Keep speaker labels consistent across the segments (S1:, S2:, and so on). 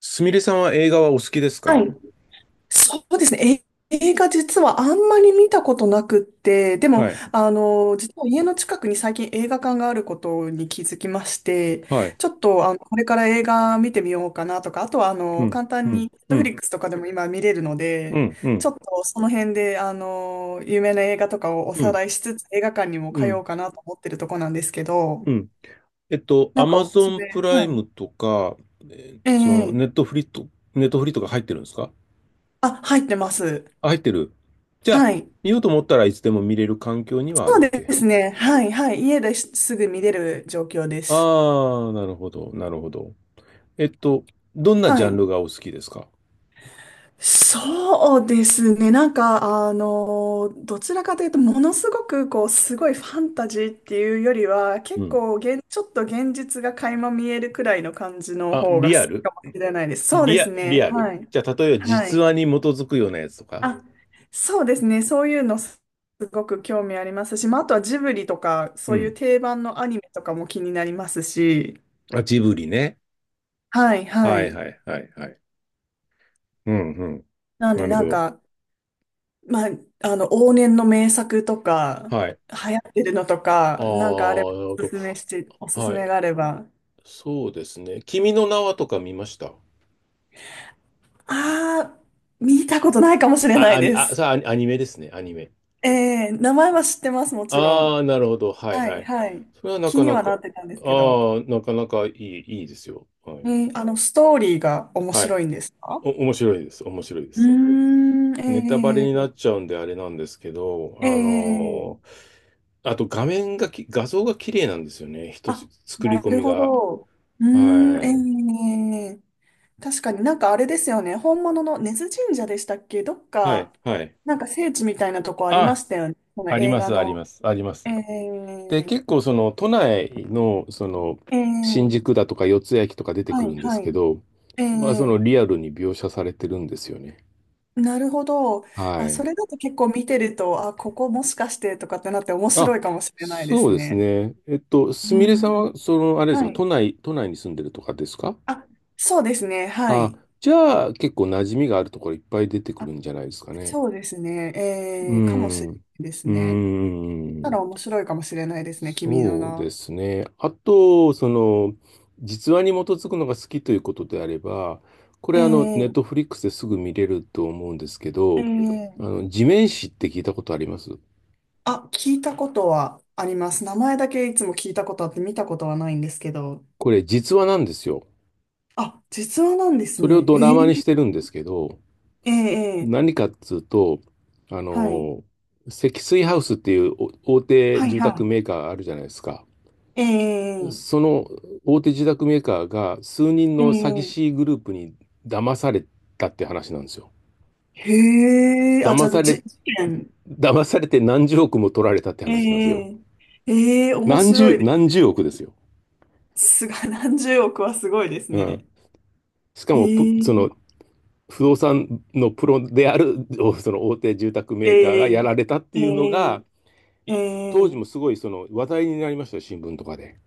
S1: すみれさんは映画はお好きです
S2: は
S1: か？
S2: い。そうですね。映画実はあんまり見たことなくって、でも、
S1: はい。
S2: 実は家の近くに最近映画館があることに気づきまして、
S1: はい。
S2: ちょっと、これから映画見てみようかなとか、あとは、
S1: うん。
S2: 簡
S1: う
S2: 単に
S1: ん。うん。
S2: Netflix とかでも今見れるので、
S1: うん。う
S2: ちょ
S1: ん。
S2: っとその辺で、有名な映画とかをお
S1: う
S2: さ
S1: ん。
S2: らいしつつ、映画館にも
S1: う
S2: 通お
S1: ん。
S2: うかなと思ってるとこなんですけど、
S1: うん。
S2: な
S1: ア
S2: んか
S1: マ
S2: おす
S1: ゾ
S2: すめ、
S1: ンプラ
S2: は
S1: イ
S2: い。
S1: ムとか、
S2: え
S1: その、
S2: え
S1: ネットフリと、ネットフリとか入ってるんですか？
S2: あ、入ってます。
S1: あ、入ってる。じゃあ、
S2: はい。
S1: 見ようと思ったらいつでも見れる環境にはあ
S2: そ
S1: る
S2: う
S1: わ
S2: で
S1: け？
S2: すね。はい、はい。家ですぐ見れる状況です。
S1: ああ、なるほど。なるほど。えっと、どんなジ
S2: は
S1: ャン
S2: い。
S1: ルがお好きですか？
S2: そうですね。なんか、どちらかというと、ものすごく、こう、すごいファンタジーっていうよりは、結
S1: うん。
S2: 構ちょっと現実が垣間見えるくらいの感じの
S1: あ、
S2: 方が好
S1: リ
S2: き
S1: アル。
S2: かもしれないです。そうです
S1: リ
S2: ね。
S1: アル。
S2: はい。
S1: じゃあ、例えば
S2: は
S1: 実
S2: い。
S1: 話に基づくようなやつとか。
S2: あ、そうですね。そういうのすごく興味ありますし、まあ、あとはジブリとか、
S1: う
S2: そういう
S1: ん。
S2: 定番のアニメとかも気になりますし、
S1: あ、ジブリね。
S2: はい、は
S1: はい
S2: い。
S1: はいはいはい。うんうん。
S2: なん
S1: な
S2: で
S1: る
S2: な
S1: ほ
S2: ん
S1: ど。
S2: か、まあ、往年の名作とか、
S1: はい。
S2: 流行ってるのと
S1: ああ、
S2: か、なんかあれば、
S1: なるほ
S2: おす
S1: ど。
S2: すめして、おすす
S1: はい。
S2: めがあれば。
S1: そうですね。「君の名は」とか見ました？
S2: あー、見たことないかもしれな
S1: あ、
S2: いです。
S1: アニメですね。アニメ。
S2: 名前は知ってます、もちろ
S1: あ
S2: ん。
S1: あ、なるほど。はい
S2: は
S1: は
S2: い、
S1: い。
S2: はい。
S1: それはな
S2: 気
S1: か
S2: に
S1: な
S2: はな
S1: か、
S2: ってたんですけど。
S1: ああ、なかなかいいですよ。はい。
S2: ストーリーが面
S1: はい。
S2: 白いんですか？
S1: 面白いです。面白いで
S2: うー
S1: す。
S2: ん、
S1: ネタバレ
S2: え
S1: に
S2: ー、
S1: な
S2: え
S1: っちゃうんであれなんですけど、
S2: ー、え
S1: あと画像が綺麗なんですよね。一つ、
S2: あ、
S1: 作り
S2: な
S1: 込
S2: る
S1: み
S2: ほ
S1: が。
S2: ど。うー
S1: はい。
S2: ん、えー、確かになんかあれですよね。本物の根津神社でしたっけどっ
S1: は
S2: か、
S1: い、はい。
S2: なんか聖地みたいなとこありま
S1: あ、
S2: したよね。この
S1: あり
S2: 映
S1: ま
S2: 画
S1: す、あり
S2: の。
S1: ます、ありま
S2: え
S1: す。
S2: ー、
S1: で、結構その都内の、その、
S2: え
S1: 新
S2: ー、
S1: 宿だとか四ツ谷駅とか出て
S2: は
S1: くる
S2: い、
S1: んです
S2: は
S1: け
S2: い。
S1: ど、
S2: え
S1: まあその
S2: え、
S1: リアルに描写されてるんですよね。
S2: なるほど。
S1: は
S2: あ、そ
S1: い。
S2: れだと結構見てると、あ、ここもしかしてとかってなって面
S1: あ、
S2: 白いかもしれないで
S1: そ
S2: す
S1: うです
S2: ね。
S1: ね。すみ
S2: う
S1: れさん
S2: ん。
S1: は、その、あれですか、
S2: はい。
S1: 都内に住んでるとかですか？
S2: あ、そうですね。は
S1: あ、
S2: い。
S1: じゃあ結構馴染みがあるところいっぱい出てく
S2: あ、
S1: るんじゃないですかね。
S2: そうですね。
S1: う
S2: ええかもし
S1: ん。
S2: れな
S1: う
S2: いですね。
S1: ー
S2: たら
S1: ん。
S2: 面白いかもしれないですね。君の
S1: そ
S2: 名
S1: うで
S2: は。
S1: すね。あと、その、実話に基づくのが好きということであれば、これあの、ネッ
S2: え
S1: ト
S2: え
S1: フリックスですぐ見れると思うんですけど、あ
S2: ええ、
S1: の、地面師って聞いたことあります？
S2: あ、聞いたことはあります。名前だけいつも聞いたことあって見たことはないんですけど。
S1: これ実話なんですよ。
S2: あ、実話なんです
S1: それを
S2: ね。
S1: ドラ
S2: へえ、
S1: マにしてるんですけど、
S2: ええ、え
S1: 何
S2: え、
S1: かっつうと、あ
S2: はい。
S1: の、積水ハウスっていう大手
S2: はい、
S1: 住
S2: は
S1: 宅
S2: い。
S1: メーカーあるじゃないですか。
S2: ええ、
S1: その大手住宅メーカーが数人
S2: ええ、
S1: の詐欺師グループに騙されたって話なんですよ。
S2: へえ、あ、じ
S1: 騙
S2: ゃあ、
S1: され、
S2: 事件。
S1: 騙されて何十億も取られたって
S2: え
S1: 話なんですよ。
S2: え、ええ、面白いで
S1: 何十億ですよ。
S2: す。何十億はすごいです
S1: うん。
S2: ね。
S1: しか
S2: え
S1: もプ、ぷその、
S2: え、
S1: 不動産のプロである、その大手住宅
S2: え
S1: メーカーがや
S2: え、
S1: られたって
S2: え
S1: いうの
S2: え、
S1: が、
S2: え
S1: 当時
S2: え、
S1: もすごいその話題になりましたよ、新聞とかで。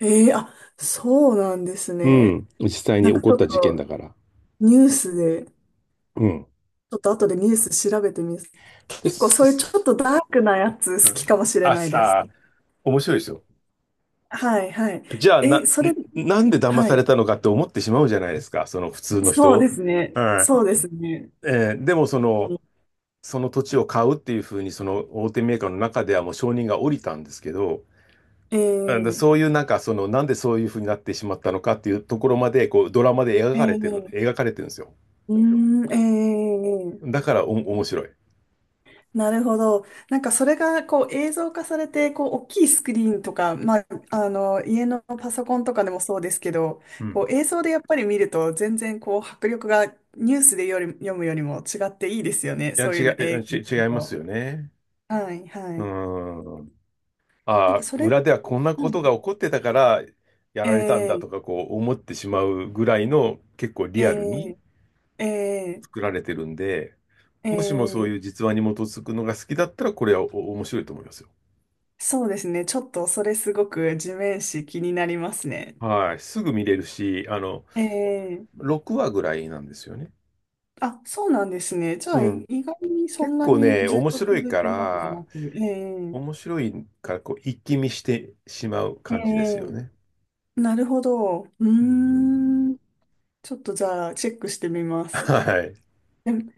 S2: ええ、あ、そうなんです
S1: う
S2: ね。
S1: ん。実際
S2: な
S1: に
S2: ん
S1: 起
S2: か
S1: こ
S2: ち
S1: っ
S2: ょ
S1: た
S2: っ
S1: 事件
S2: と
S1: だから。
S2: ニュースで、
S1: うん。
S2: ちょっと後でニュース調べてみます。
S1: で、
S2: 結構
S1: す
S2: そういうち
S1: す
S2: ょっとダークなやつ
S1: う
S2: 好きか
S1: ん
S2: もしれ
S1: あ、
S2: ないです。
S1: さあ、面白いですよ。
S2: はいはい。
S1: じゃあ、
S2: それ、
S1: なんで騙
S2: は
S1: され
S2: い。
S1: たのかって思ってしまうじゃないですか、その普通の
S2: そうで
S1: 人。
S2: すね。
S1: うん。
S2: そうですね。
S1: でも、そ
S2: え
S1: の、
S2: の
S1: その土地を買うっていうふうに、その大手メーカーの中ではもう承認が下りたんですけど、
S2: え
S1: うんだ
S2: ー、
S1: そういうなんか、その、なんでそういうふうになってしまったのかっていうところまで、こう、ドラマで描
S2: え
S1: かれてる、
S2: ー、
S1: 描かれてるんですよ。
S2: うーん、ー、
S1: だから面白い。
S2: なるほど。なんかそれがこう映像化されて、こう大きいスクリーンとか、まあ、あの家のパソコンとかでもそうですけど、
S1: うん。
S2: こう映像でやっぱり見ると全然こう迫力がニュースでより読むよりも違っていいですよね。
S1: いや、
S2: そういうの映画見
S1: 違
S2: る
S1: います
S2: と。
S1: よね。
S2: はいは
S1: う
S2: い。
S1: ん。
S2: なん
S1: あ
S2: か
S1: あ、
S2: それ、は
S1: 裏ではこんなこと
S2: い、
S1: が起こってたからやられたんだとか
S2: え
S1: こう思ってしまうぐらいの結構リアルに
S2: えええ
S1: 作られてるんで、
S2: え
S1: もしもそう
S2: え
S1: いう
S2: え
S1: 実話に基づくのが好きだったらこれは面白いと思いますよ。
S2: そうですね。ちょっとそれすごく地面師気になりますね。
S1: はい。すぐ見れるし、あの、
S2: ええ。
S1: 6話ぐらいなんですよね。
S2: あ、そうなんですね。じゃ
S1: う
S2: あ、
S1: ん。
S2: 意外にそん
S1: 結
S2: な
S1: 構
S2: に
S1: ね、
S2: ずっ
S1: 面
S2: と
S1: 白い
S2: 続い
S1: か
S2: てるわけじゃ
S1: ら、
S2: なく、え
S1: 面
S2: え、
S1: 白いからこう一気見してしまう
S2: え
S1: 感じですよ
S2: え、
S1: ね。
S2: なるほど。うー
S1: うん。
S2: ん。ちょっとじゃあ、チェックしてみます。
S1: はい。
S2: でも、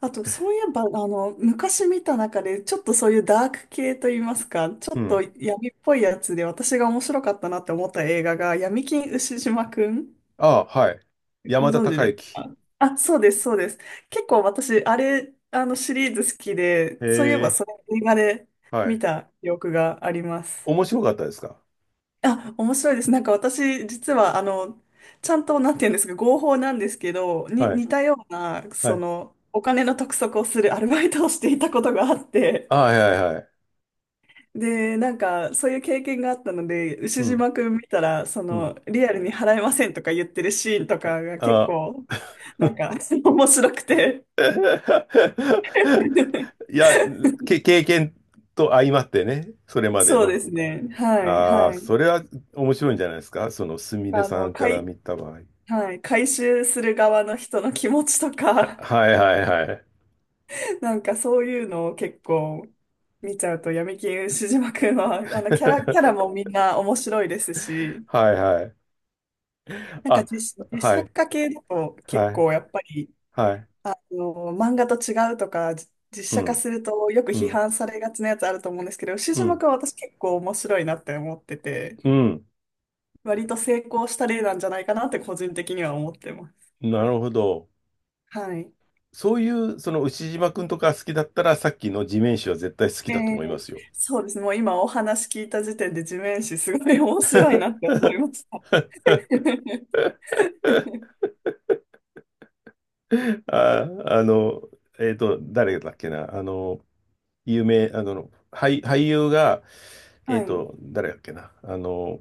S2: あと、そういえば、昔見た中で、ちょっとそういうダーク系といいますか、ち
S1: う
S2: ょっと
S1: ん。
S2: 闇っぽいやつで、私が面白かったなって思った映画が、闇金牛島くん。
S1: ああ、はい。山
S2: ご
S1: 田
S2: 存知
S1: 孝
S2: です
S1: 之。
S2: か？あ、そうです、そうです。結構私、あれ、あのシリーズ好きで、
S1: へ
S2: そういえば
S1: え、
S2: それ映画で
S1: は
S2: 見
S1: い。
S2: た記憶があります。
S1: 面白かったですか？
S2: あ、面白いです。なんか私、実は、ちゃんと、なんて言うんですか、合法なんですけど、
S1: はい。
S2: 似たような、
S1: は
S2: そ
S1: い。
S2: の、お金の督促をするアルバイトをしていたことがあっ
S1: あ、
S2: て、
S1: はいはいはい。
S2: で、なんか、そういう経験があったので、牛
S1: うん。
S2: 島くん見たら、そ
S1: うん。
S2: の、リアルに払えませんとか言ってるシーンと
S1: あ、
S2: かが結
S1: あ。
S2: 構、なんか、面白くて。
S1: いや、経験と相まってね、それまで
S2: そう
S1: の。
S2: ですね。はい、
S1: あ
S2: は
S1: あ、
S2: い。
S1: それは面白いんじゃないですか、そのすみれ
S2: あ
S1: さ
S2: の、
S1: んから
S2: 回、
S1: 見た場合。
S2: はい、回収する側の人の気持ちとか、
S1: はいはいはい。
S2: なんかそういうのを結構見ちゃうと、闇金牛島くんは、キャラ もみんな面白いですし、
S1: はいはい。
S2: なんか
S1: あ、
S2: 実
S1: は
S2: 写
S1: い、
S2: 化系だと結
S1: はい、
S2: 構やっぱり、
S1: はい。
S2: 漫画と違うとか、実
S1: う
S2: 写化
S1: ん、
S2: するとよく
S1: う
S2: 批
S1: ん、
S2: 判されがちなやつあると思うんですけど、牛
S1: う
S2: 島
S1: ん、
S2: 君は私結構面白いなって思ってて、
S1: うん。
S2: 割と成功した例なんじゃないかなって個人的には思ってます。
S1: なるほど。
S2: はい。
S1: そういう、その牛島くんとか好きだったら、さっきの地面師は絶対好き
S2: え
S1: だと
S2: え、
S1: 思いますよ。
S2: そうですね。もう今お話聞いた時点で地面師すごい面白いなって思いました。
S1: あ、誰だっけな、有名、俳優が、
S2: はい。
S1: 誰だっけな、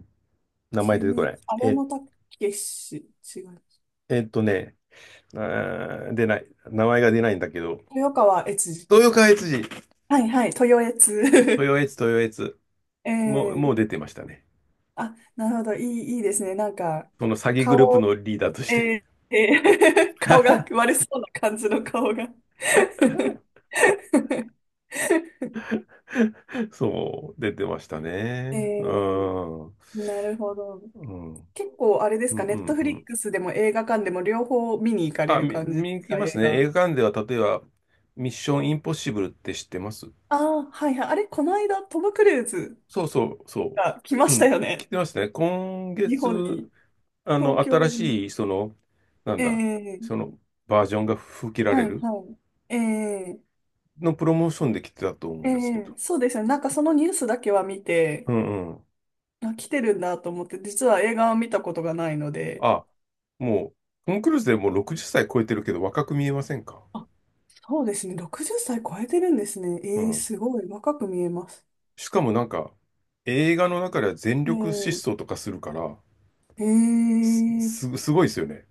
S1: 名前
S2: 地
S1: 出てこ
S2: 面
S1: な
S2: 師、
S1: い。
S2: 荒野武し、違う。
S1: えっとね、出ない。名前が出ないんだけど、
S2: 豊川悦司。
S1: 豊川悦司、
S2: はいはい、豊悦。
S1: 豊悦、豊悦、もう、も
S2: え
S1: う出
S2: え、
S1: てましたね。
S2: あ、なるほど。いい、いいですね。なんか、
S1: その詐欺グループの
S2: 顔、
S1: リーダーとして。
S2: えーえ顔が悪そうな感じの顔が
S1: そう、出てました
S2: え
S1: ね。う
S2: ー
S1: ん。うん、
S2: なるほど。
S1: うん、うん、
S2: 結構あれで
S1: う
S2: すか、ネットフリッ
S1: ん。
S2: クスでも映画館でも両方見に行かれ
S1: あ、
S2: る感じで
S1: 見に
S2: す
S1: 行き
S2: か、
S1: ます
S2: 映
S1: ね。
S2: 画。
S1: 映画館では、例えば、ミッションインポッシブルって知ってます？
S2: ああ、はいはい。あれ、この間、トム・クルーズ
S1: そうそう、そ
S2: が来ま
S1: う。う
S2: した
S1: ん、
S2: よ
S1: 来
S2: ね。
S1: てますね。今
S2: 日本
S1: 月、
S2: に。東京
S1: 新
S2: に。
S1: しい、その、なんだ、
S2: え
S1: そ
S2: え、
S1: の、バージョンが吹き切ら
S2: は
S1: れ
S2: い
S1: る
S2: はい。
S1: のプロモーションで来てたと思う
S2: え
S1: んですけど。
S2: そうですよね。なんかそのニュースだけは見
S1: う
S2: て、
S1: んうん。
S2: あ、来てるんだと思って、実は映画は見たことがないので、
S1: あ、もう、トム・クルーズでもう60歳超えてるけど若く見えませんか？
S2: あ、そうですね。60歳超えてるんですね。
S1: う
S2: ええ、
S1: ん。
S2: すごい。若く見えます。
S1: しかもなんか、映画の中では全
S2: え
S1: 力疾走とかするから、
S2: え、ええ、
S1: すごいですよね。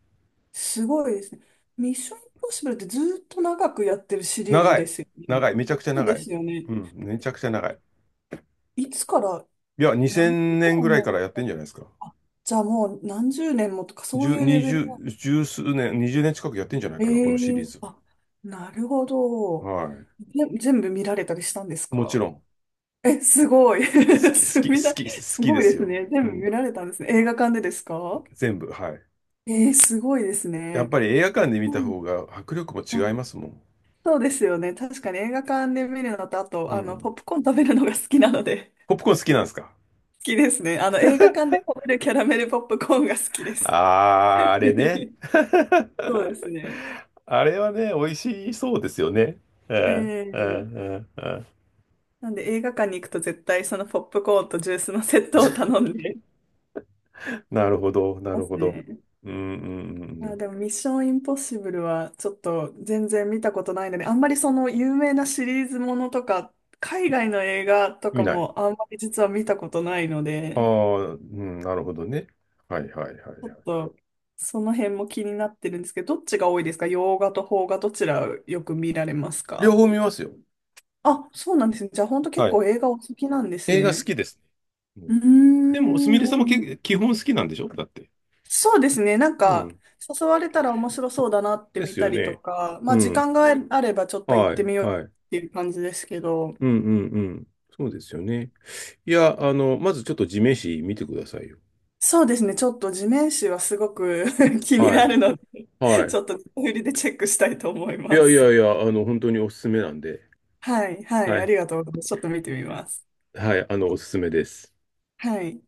S2: すごいですね。ミッションインポッシブルってずっと長くやってるシリーズ
S1: 長
S2: で
S1: い。
S2: すよ
S1: 長
S2: ね。
S1: い。めちゃくちゃ
S2: そう
S1: 長
S2: で
S1: い。
S2: すよね。
S1: うん。めちゃくちゃ長い。
S2: いつから、
S1: いや、
S2: 何年
S1: 2000
S2: くら
S1: 年
S2: い
S1: ぐらい
S2: 前
S1: か
S2: か
S1: らやっ
S2: ら。
S1: てんじゃないですか。
S2: あ、じゃあもう何十年もとか、そう
S1: 十、
S2: いうレ
S1: 二
S2: ベル。
S1: 十、十数年、20年近くやってんじゃない
S2: え
S1: かな、このシリー
S2: え、
S1: ズ
S2: あ、なるほ
S1: は。
S2: ど。
S1: は
S2: 全部見られたりしたんです
S1: い。もち
S2: か？
S1: ろん、好
S2: え、すごい。
S1: き、好き、好
S2: す
S1: き、
S2: みだ
S1: 好
S2: す
S1: き
S2: ご
S1: で
S2: い
S1: す
S2: です
S1: よ。
S2: ね。全
S1: う
S2: 部見
S1: ん。
S2: られたんですね。映画館でですか？
S1: 全部、はい。
S2: えー、すごいです
S1: やっ
S2: ね。
S1: ぱり映画館で見た
S2: うん、
S1: 方が迫力も違
S2: あ、
S1: いますもん。
S2: そうですよね。確かに映画館で見るのと、あと、
S1: うん。
S2: ポップコーン食べるのが好きなので、
S1: ポップコーン好きなんですか？
S2: 好きですね。映画館で食べるキャラメルポップコーンが好きです。
S1: あー、あれね。
S2: そうです ね。
S1: あれはね、美味しそうですよね。う
S2: え
S1: ん、うん、
S2: ー
S1: うん、うん。
S2: なんで映画館に行くと絶対そのポップコーンとジュースのセットを頼んで
S1: なるほど、な
S2: ま
S1: る
S2: す
S1: ほど。
S2: ね。
S1: うん、うん、うん
S2: い
S1: う
S2: や、
S1: ん。
S2: でもミッションインポッシブルはちょっと全然見たことないので、あんまりその有名なシリーズものとか、海外の映画と
S1: 見
S2: か
S1: ない。
S2: もあんまり実は見たことないの
S1: あ
S2: で、
S1: あ、うん、なるほどね。はい、はい、はい、は
S2: ちょっ
S1: い。
S2: とその辺も気になってるんですけど、どっちが多いですか？洋画と邦画どちらよく見られます
S1: 両
S2: か？
S1: 方見ますよ。
S2: あ、そうなんですね。じゃあ本当結
S1: はい。
S2: 構映画お好きなんです
S1: 映画好
S2: ね。
S1: きですね。うん。
S2: うー
S1: でも、すみれさんも
S2: ん。
S1: 基本好きなんでしょだって。
S2: そうですね。なん
S1: う
S2: か、
S1: ん。
S2: 誘われたら面白そうだなって
S1: で
S2: 見
S1: す
S2: た
S1: よ
S2: りと
S1: ね。
S2: か、ま
S1: う
S2: あ時
S1: ん。
S2: 間があればちょっと行っ
S1: は
S2: て
S1: い、
S2: みよう
S1: はい。
S2: っていう感じですけど、
S1: うん、うん、うん。そうですよね。いや、まずちょっと地面師見てくださいよ。
S2: そうですね。ちょっと地面師はすごく 気に
S1: は
S2: な
S1: い、
S2: るので、
S1: は
S2: ち
S1: い。
S2: ょっと振りでチェックしたいと思い
S1: い
S2: ま
S1: やい
S2: す。
S1: やいや、本当におすすめなんで。
S2: はい、はい、
S1: は
S2: あ
S1: い、
S2: りがとうございます。ちょっと見てみます。
S1: はい、おすすめです。
S2: はい。